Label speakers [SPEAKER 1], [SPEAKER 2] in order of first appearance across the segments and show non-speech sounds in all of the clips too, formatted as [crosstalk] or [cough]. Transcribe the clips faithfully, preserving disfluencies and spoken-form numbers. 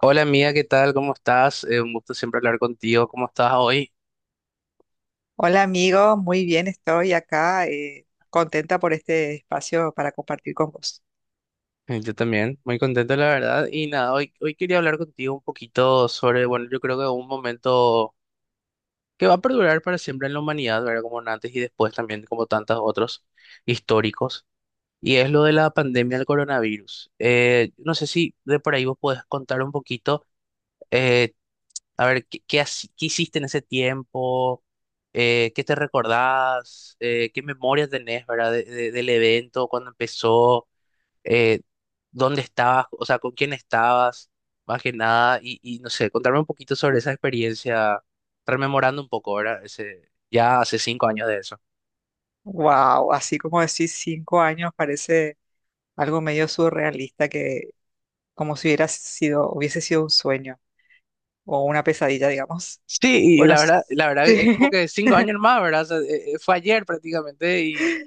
[SPEAKER 1] Hola amiga, ¿qué tal? ¿Cómo estás? Eh, un gusto siempre hablar contigo. ¿Cómo estás hoy?
[SPEAKER 2] Hola amigo, muy bien, estoy acá eh, contenta por este espacio para compartir con vos.
[SPEAKER 1] Eh, Yo también, muy contento la verdad. Y nada, hoy, hoy quería hablar contigo un poquito sobre, bueno, yo creo que un momento que va a perdurar para siempre en la humanidad, ¿verdad? Como un antes y después también, como tantos otros históricos. Y es lo de la pandemia del coronavirus. Eh, no sé si de por ahí vos podés contar un poquito. eh, A ver, ¿qué, qué, haci- ¿qué hiciste en ese tiempo? Eh, ¿qué te recordás? Eh, ¿qué memorias tenés, verdad, de- de- del evento, cuando empezó? Eh, ¿Dónde estabas? O sea, ¿con quién estabas? Más que nada, y, y no sé, contarme un poquito sobre esa experiencia, rememorando un poco, ¿verdad? Ese, ya hace cinco años de eso.
[SPEAKER 2] Wow, así como decís, cinco años parece algo medio surrealista que como si hubiera sido, hubiese sido un sueño o una pesadilla, digamos.
[SPEAKER 1] Sí, y
[SPEAKER 2] Bueno,
[SPEAKER 1] la
[SPEAKER 2] s-
[SPEAKER 1] verdad, la
[SPEAKER 2] [laughs]
[SPEAKER 1] verdad es
[SPEAKER 2] sí,
[SPEAKER 1] como que cinco años más, ¿verdad? O sea, eh, eh, fue ayer prácticamente y...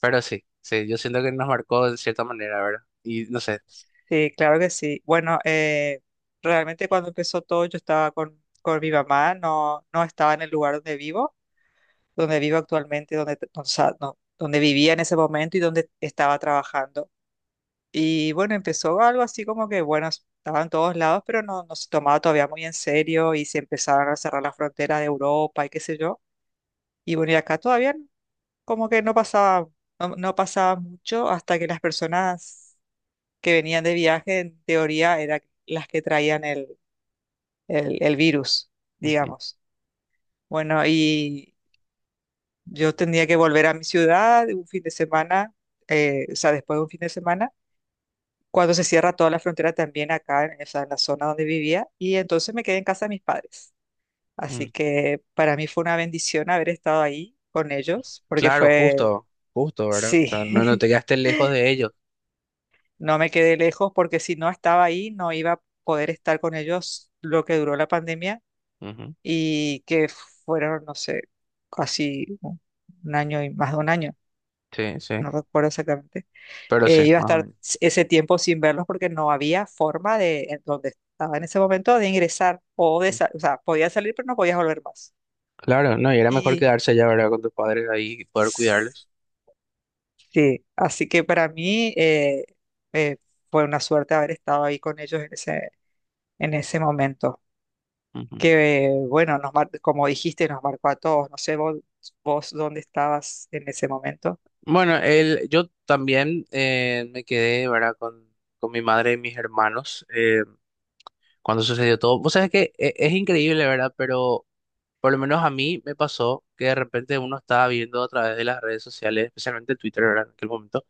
[SPEAKER 1] Pero sí, sí, yo siento que nos marcó de cierta manera, ¿verdad? Y no sé.
[SPEAKER 2] sí, claro que sí. Bueno, eh, realmente cuando empezó todo yo estaba con, con mi mamá, no, no estaba en el lugar donde vivo. Donde vivo actualmente, donde, t- o sea, no, donde vivía en ese momento y donde estaba trabajando. Y bueno, empezó algo así como que, bueno, estaba en todos lados, pero no, no se tomaba todavía muy en serio y se empezaban a cerrar las fronteras de Europa y qué sé yo. Y bueno, y acá todavía no- como que no pasaba, no, no pasaba mucho hasta que las personas que venían de viaje, en teoría, eran las que traían el, el, el virus, digamos. Bueno, y yo tenía que volver a mi ciudad un fin de semana, eh, o sea, después de un fin de semana, cuando se cierra toda la frontera también acá, en, o sea, en la zona donde vivía, y entonces me quedé en casa de mis padres. Así
[SPEAKER 1] Ujú.
[SPEAKER 2] que para mí fue una bendición haber estado ahí con ellos, porque
[SPEAKER 1] Claro,
[SPEAKER 2] fue,
[SPEAKER 1] justo, justo, ¿verdad? O sea, no, no
[SPEAKER 2] sí,
[SPEAKER 1] te
[SPEAKER 2] [laughs]
[SPEAKER 1] quedaste lejos de ellos.
[SPEAKER 2] no me quedé lejos, porque si no estaba ahí, no iba a poder estar con ellos lo que duró la pandemia,
[SPEAKER 1] Ujú.
[SPEAKER 2] y que fueron, no sé, casi un un año y más de un año,
[SPEAKER 1] Sí, sí,
[SPEAKER 2] no recuerdo exactamente.
[SPEAKER 1] pero sí,
[SPEAKER 2] Eh, iba a
[SPEAKER 1] más o
[SPEAKER 2] estar
[SPEAKER 1] menos.
[SPEAKER 2] ese tiempo sin verlos porque no había forma de, en donde estaba en ese momento, de ingresar o de,
[SPEAKER 1] Mm.
[SPEAKER 2] sa- o sea, podía salir pero no podías volver más.
[SPEAKER 1] Claro, no, y era mejor
[SPEAKER 2] Y
[SPEAKER 1] quedarse allá, ¿verdad? Con tus padres ahí y poder
[SPEAKER 2] sí,
[SPEAKER 1] cuidarlos.
[SPEAKER 2] así que para mí eh, eh, fue una suerte haber estado ahí con ellos en ese, en ese momento.
[SPEAKER 1] Ujú.
[SPEAKER 2] Que eh, bueno, nos mar- como dijiste, nos marcó a todos. No sé vos, vos dónde estabas en ese momento.
[SPEAKER 1] Bueno, el, yo también eh, me quedé, ¿verdad? Con, con mi madre y mis hermanos eh, cuando sucedió todo. Vos sabés que e- es increíble, ¿verdad? Pero por lo menos a mí me pasó que de repente uno estaba viendo a través de las redes sociales, especialmente Twitter, ¿verdad? En aquel momento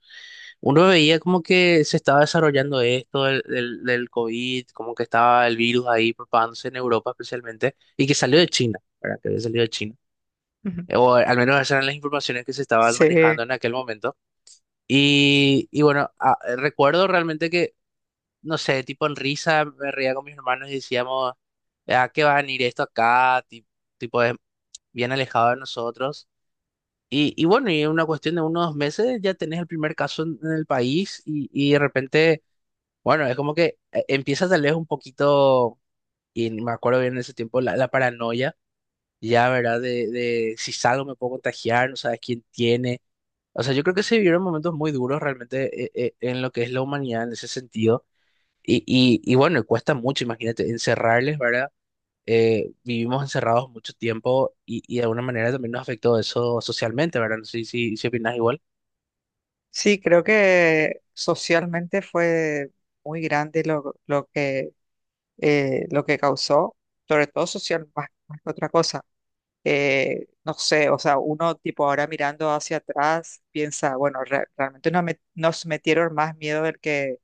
[SPEAKER 1] uno veía como que se estaba desarrollando esto del, del, del COVID, como que estaba el virus ahí propagándose en Europa especialmente, y que salió de China, ¿verdad? Que había salido de China.
[SPEAKER 2] Ujú.
[SPEAKER 1] O al menos esas eran las informaciones que se estaban
[SPEAKER 2] Sí,
[SPEAKER 1] manejando en aquel momento. Y, y bueno, a- recuerdo realmente que, no sé, tipo en risa me reía con mis hermanos y decíamos, ¿a qué va a venir esto acá? Ti- Tipo, es bien alejado de nosotros. Y, y bueno, y en una cuestión de unos dos meses ya tenés el primer caso en, en el país y, y de repente... Bueno, es como que eh, empieza tal vez un poquito, y me acuerdo bien en ese tiempo, la, la paranoia, ya, ¿verdad? De, de si salgo me puedo contagiar, no sabes quién tiene. O sea, yo creo que se vivieron momentos muy duros realmente eh, eh, en lo que es la humanidad en ese sentido. Y, y, y bueno, cuesta mucho, imagínate, encerrarles, ¿verdad? Eh, vivimos encerrados mucho tiempo y, y de alguna manera también nos afectó eso socialmente, ¿verdad? No sé si, si opinas igual.
[SPEAKER 2] sí, creo que socialmente fue muy grande lo, lo que eh, lo que causó, sobre todo social, más, más que otra cosa. Eh, no sé, o sea, uno tipo ahora mirando hacia atrás piensa, bueno, re- realmente nos, met- nos metieron más miedo del que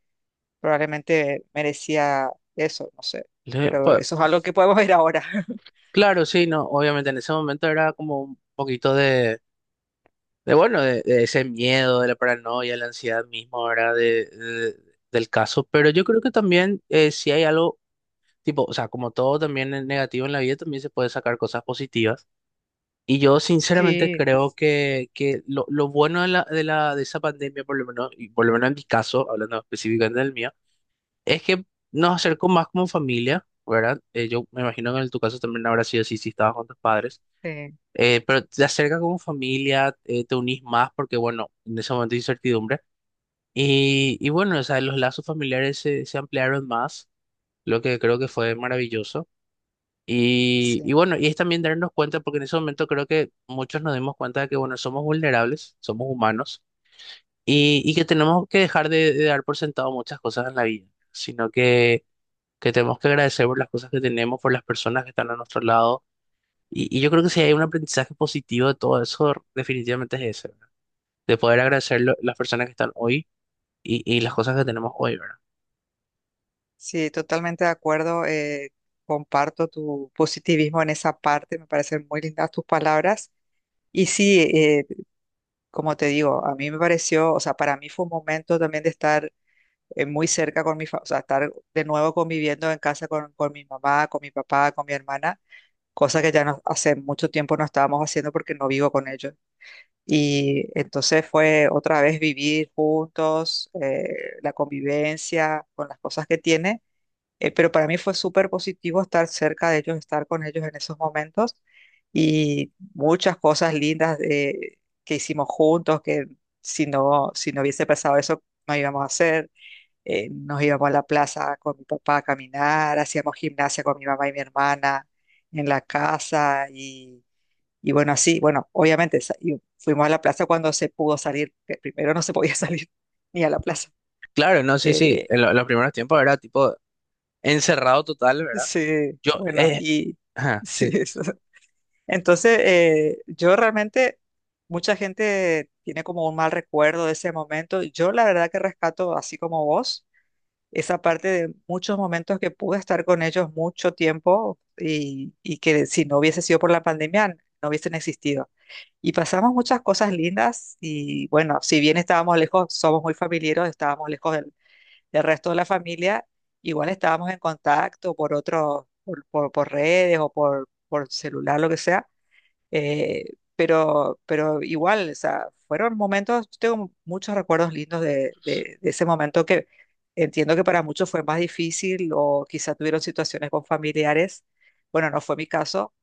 [SPEAKER 2] probablemente merecía eso, no sé,
[SPEAKER 1] Le-
[SPEAKER 2] pero
[SPEAKER 1] pues,
[SPEAKER 2] eso es algo que podemos ver ahora. [laughs]
[SPEAKER 1] claro, sí, no, obviamente en ese momento era como un poquito de de bueno, de, de ese miedo, de la paranoia, la ansiedad misma ahora de, de- del caso, pero yo creo que también eh, si hay algo, tipo, o sea, como todo también es negativo en la vida, también se puede sacar cosas positivas. Y yo sinceramente
[SPEAKER 2] Sí,
[SPEAKER 1] creo que, que lo, lo bueno de la, de la, de esa pandemia, por lo menos, y por lo menos en mi caso, hablando específicamente del mío, es que nos acercó más como familia, ¿verdad? Eh, yo me imagino que en tu caso también habrá sido así si estabas con tus padres
[SPEAKER 2] sí,
[SPEAKER 1] eh, pero te acerca como familia, eh, te unís más porque, bueno, en ese momento hay incertidumbre. Y, y bueno, o sea, los lazos familiares se, se ampliaron más, lo que creo que fue maravilloso. Y,
[SPEAKER 2] sí,
[SPEAKER 1] y bueno, y es también darnos cuenta, porque en ese momento creo que muchos nos dimos cuenta de que, bueno, somos vulnerables, somos humanos, y, y que tenemos que dejar de, de dar por sentado muchas cosas en la vida, sino que, que tenemos que agradecer por las cosas que tenemos, por las personas que están a nuestro lado y, y yo creo que si hay un aprendizaje positivo de todo eso, definitivamente es ese, ¿verdad? De poder agradecer lo- las personas que están hoy y, y las cosas que tenemos hoy, ¿verdad?
[SPEAKER 2] sí, totalmente de acuerdo. Eh, comparto tu positivismo en esa parte, me parecen muy lindas tus palabras. Y sí, eh, como te digo, a mí me pareció, o sea, para mí fue un momento también de estar eh, muy cerca con mi, fa- o sea, estar de nuevo conviviendo en casa con, con mi mamá, con mi papá, con mi hermana, cosa que ya no, hace mucho tiempo no estábamos haciendo porque no vivo con ellos. Y entonces fue otra vez vivir juntos, eh, la convivencia con las cosas que tiene, eh, pero para mí fue súper positivo estar cerca de ellos, estar con ellos en esos momentos y muchas cosas lindas eh, que hicimos juntos, que si no, si no hubiese pasado eso, no íbamos a hacer. Eh, nos íbamos a la plaza con mi papá a caminar, hacíamos gimnasia con mi mamá y mi hermana en la casa y, y bueno, así, bueno, obviamente sa- y fuimos a la plaza cuando se pudo salir, que primero no se podía [laughs] salir ni a la plaza.
[SPEAKER 1] Claro, no, sí, sí,
[SPEAKER 2] Eh,
[SPEAKER 1] en lo- en los primeros tiempos era tipo encerrado total, ¿verdad?
[SPEAKER 2] sí,
[SPEAKER 1] Yo,
[SPEAKER 2] bueno,
[SPEAKER 1] eh,
[SPEAKER 2] y... [laughs]
[SPEAKER 1] ajá,
[SPEAKER 2] Sí,
[SPEAKER 1] sí,
[SPEAKER 2] eso. Entonces, eh, yo realmente, mucha gente tiene como un mal recuerdo de ese momento. Yo la verdad que rescato, así como vos, esa parte de muchos momentos que pude estar con ellos mucho tiempo y, y que si no hubiese sido por la pandemia, no hubiesen existido. Y pasamos muchas cosas lindas y bueno, si bien estábamos lejos, somos muy familiares, estábamos lejos del, del resto de la familia, igual estábamos en contacto por otros, por, por, por redes o por, por celular, lo que sea. Eh, pero, pero igual, o sea, fueron momentos, yo tengo muchos recuerdos lindos de, de- de ese momento que entiendo que para muchos fue más difícil o quizá tuvieron situaciones con familiares. Bueno, no fue mi caso.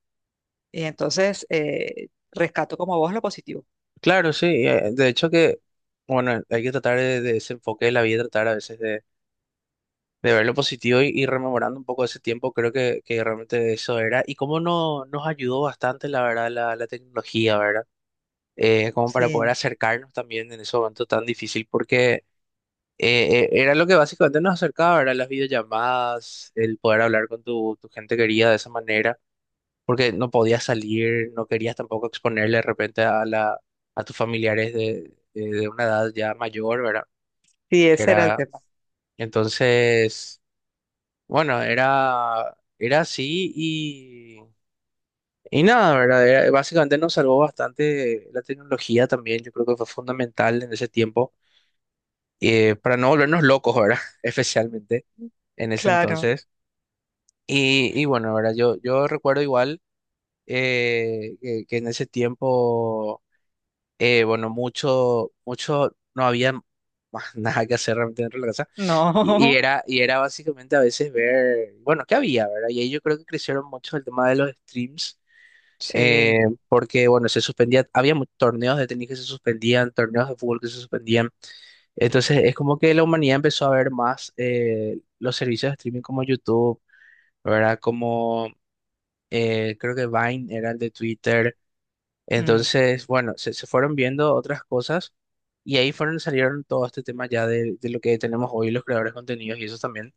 [SPEAKER 2] Y entonces eh, rescato como vos lo positivo.
[SPEAKER 1] claro, sí, eh, de hecho que, bueno, hay que tratar de, de ese enfoque de la vida, tratar a veces de, de ver lo positivo y, y rememorando un poco ese tiempo, creo que, que realmente eso era. Y cómo no, nos ayudó bastante, la verdad, la, la tecnología, ¿verdad? Eh, como para poder
[SPEAKER 2] Sí,
[SPEAKER 1] acercarnos también en ese momento tan difícil, porque eh, eh, era lo que básicamente nos acercaba, eran las videollamadas, el poder hablar con tu, tu gente querida de esa manera, porque no podías salir, no querías tampoco exponerle de repente a la, a tus familiares de, eh, de una edad ya mayor, ¿verdad?
[SPEAKER 2] sí,
[SPEAKER 1] Que
[SPEAKER 2] ese era el
[SPEAKER 1] era,
[SPEAKER 2] tema.
[SPEAKER 1] entonces, bueno, era, era así y... Y nada, ¿verdad? Era- básicamente nos salvó bastante la tecnología también. Yo creo que fue fundamental en ese tiempo eh, para no volvernos locos, ¿verdad? [laughs] Especialmente en ese
[SPEAKER 2] Claro,
[SPEAKER 1] entonces. Y, y bueno, ¿verdad? Yo, yo recuerdo igual eh, que, que en ese tiempo, eh, bueno, mucho, mucho, no había más [laughs] nada que hacer realmente dentro de la casa. Y, y
[SPEAKER 2] no,
[SPEAKER 1] era, y era básicamente a veces ver, bueno, ¿qué había, ¿verdad? Y ahí yo creo que crecieron mucho el tema de los streams.
[SPEAKER 2] [laughs]
[SPEAKER 1] eh,
[SPEAKER 2] sí.
[SPEAKER 1] Porque bueno, se suspendía, había mu- torneos de tenis que se suspendían, torneos de fútbol que se suspendían. Entonces es como que la humanidad empezó a ver más eh, los servicios de streaming como YouTube, ¿verdad? Como eh, creo que Vine era el de Twitter.
[SPEAKER 2] Mm.
[SPEAKER 1] Entonces, bueno, se, se fueron viendo otras cosas y ahí fueron, salieron todo este tema ya de, de lo que tenemos hoy los creadores de contenidos y eso también.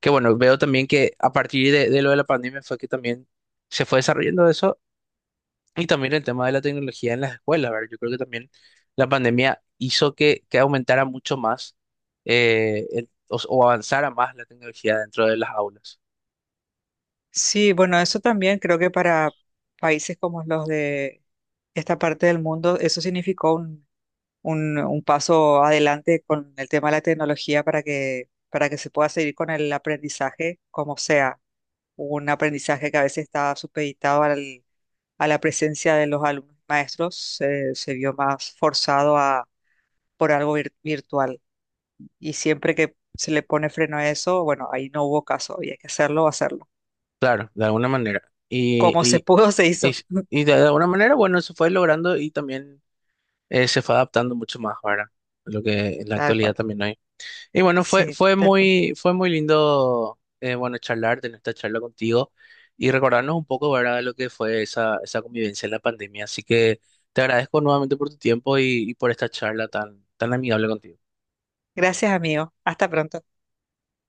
[SPEAKER 1] Que bueno, veo también que a partir de, de lo de la pandemia fue que también se fue desarrollando eso y también el tema de la tecnología en las escuelas, ¿verdad? Yo creo que también la pandemia hizo que, que aumentara mucho más eh, el- o, o avanzara más la tecnología dentro de las aulas.
[SPEAKER 2] Sí, bueno, eso también creo que para países como los de esta parte del mundo, eso significó un, un paso adelante con el tema de la tecnología para que, para que se pueda seguir con el aprendizaje como sea. Un aprendizaje que a veces está supeditado al- a la presencia de los alumnos y maestros, eh, se vio más forzado a, por algo vir- virtual. Y siempre que se le pone freno a eso, bueno, ahí no hubo caso y hay que hacerlo, hacerlo.
[SPEAKER 1] Claro, de alguna manera. Y,
[SPEAKER 2] Como se
[SPEAKER 1] y,
[SPEAKER 2] pudo, se
[SPEAKER 1] y,
[SPEAKER 2] hizo. [laughs]
[SPEAKER 1] y de alguna manera, bueno, se fue logrando y también eh, se fue adaptando mucho más, ¿verdad? Lo que en la
[SPEAKER 2] Tal cual.
[SPEAKER 1] actualidad también hay. Y bueno, fue,
[SPEAKER 2] Sí,
[SPEAKER 1] fue
[SPEAKER 2] tal cual.
[SPEAKER 1] muy, fue muy lindo, eh, bueno, charlar, tener esta charla contigo y recordarnos un poco, ¿verdad?, de lo que fue esa, esa convivencia en la pandemia. Así que te agradezco nuevamente por tu tiempo y, y por esta charla tan, tan amigable contigo.
[SPEAKER 2] Gracias, amigo. Hasta pronto.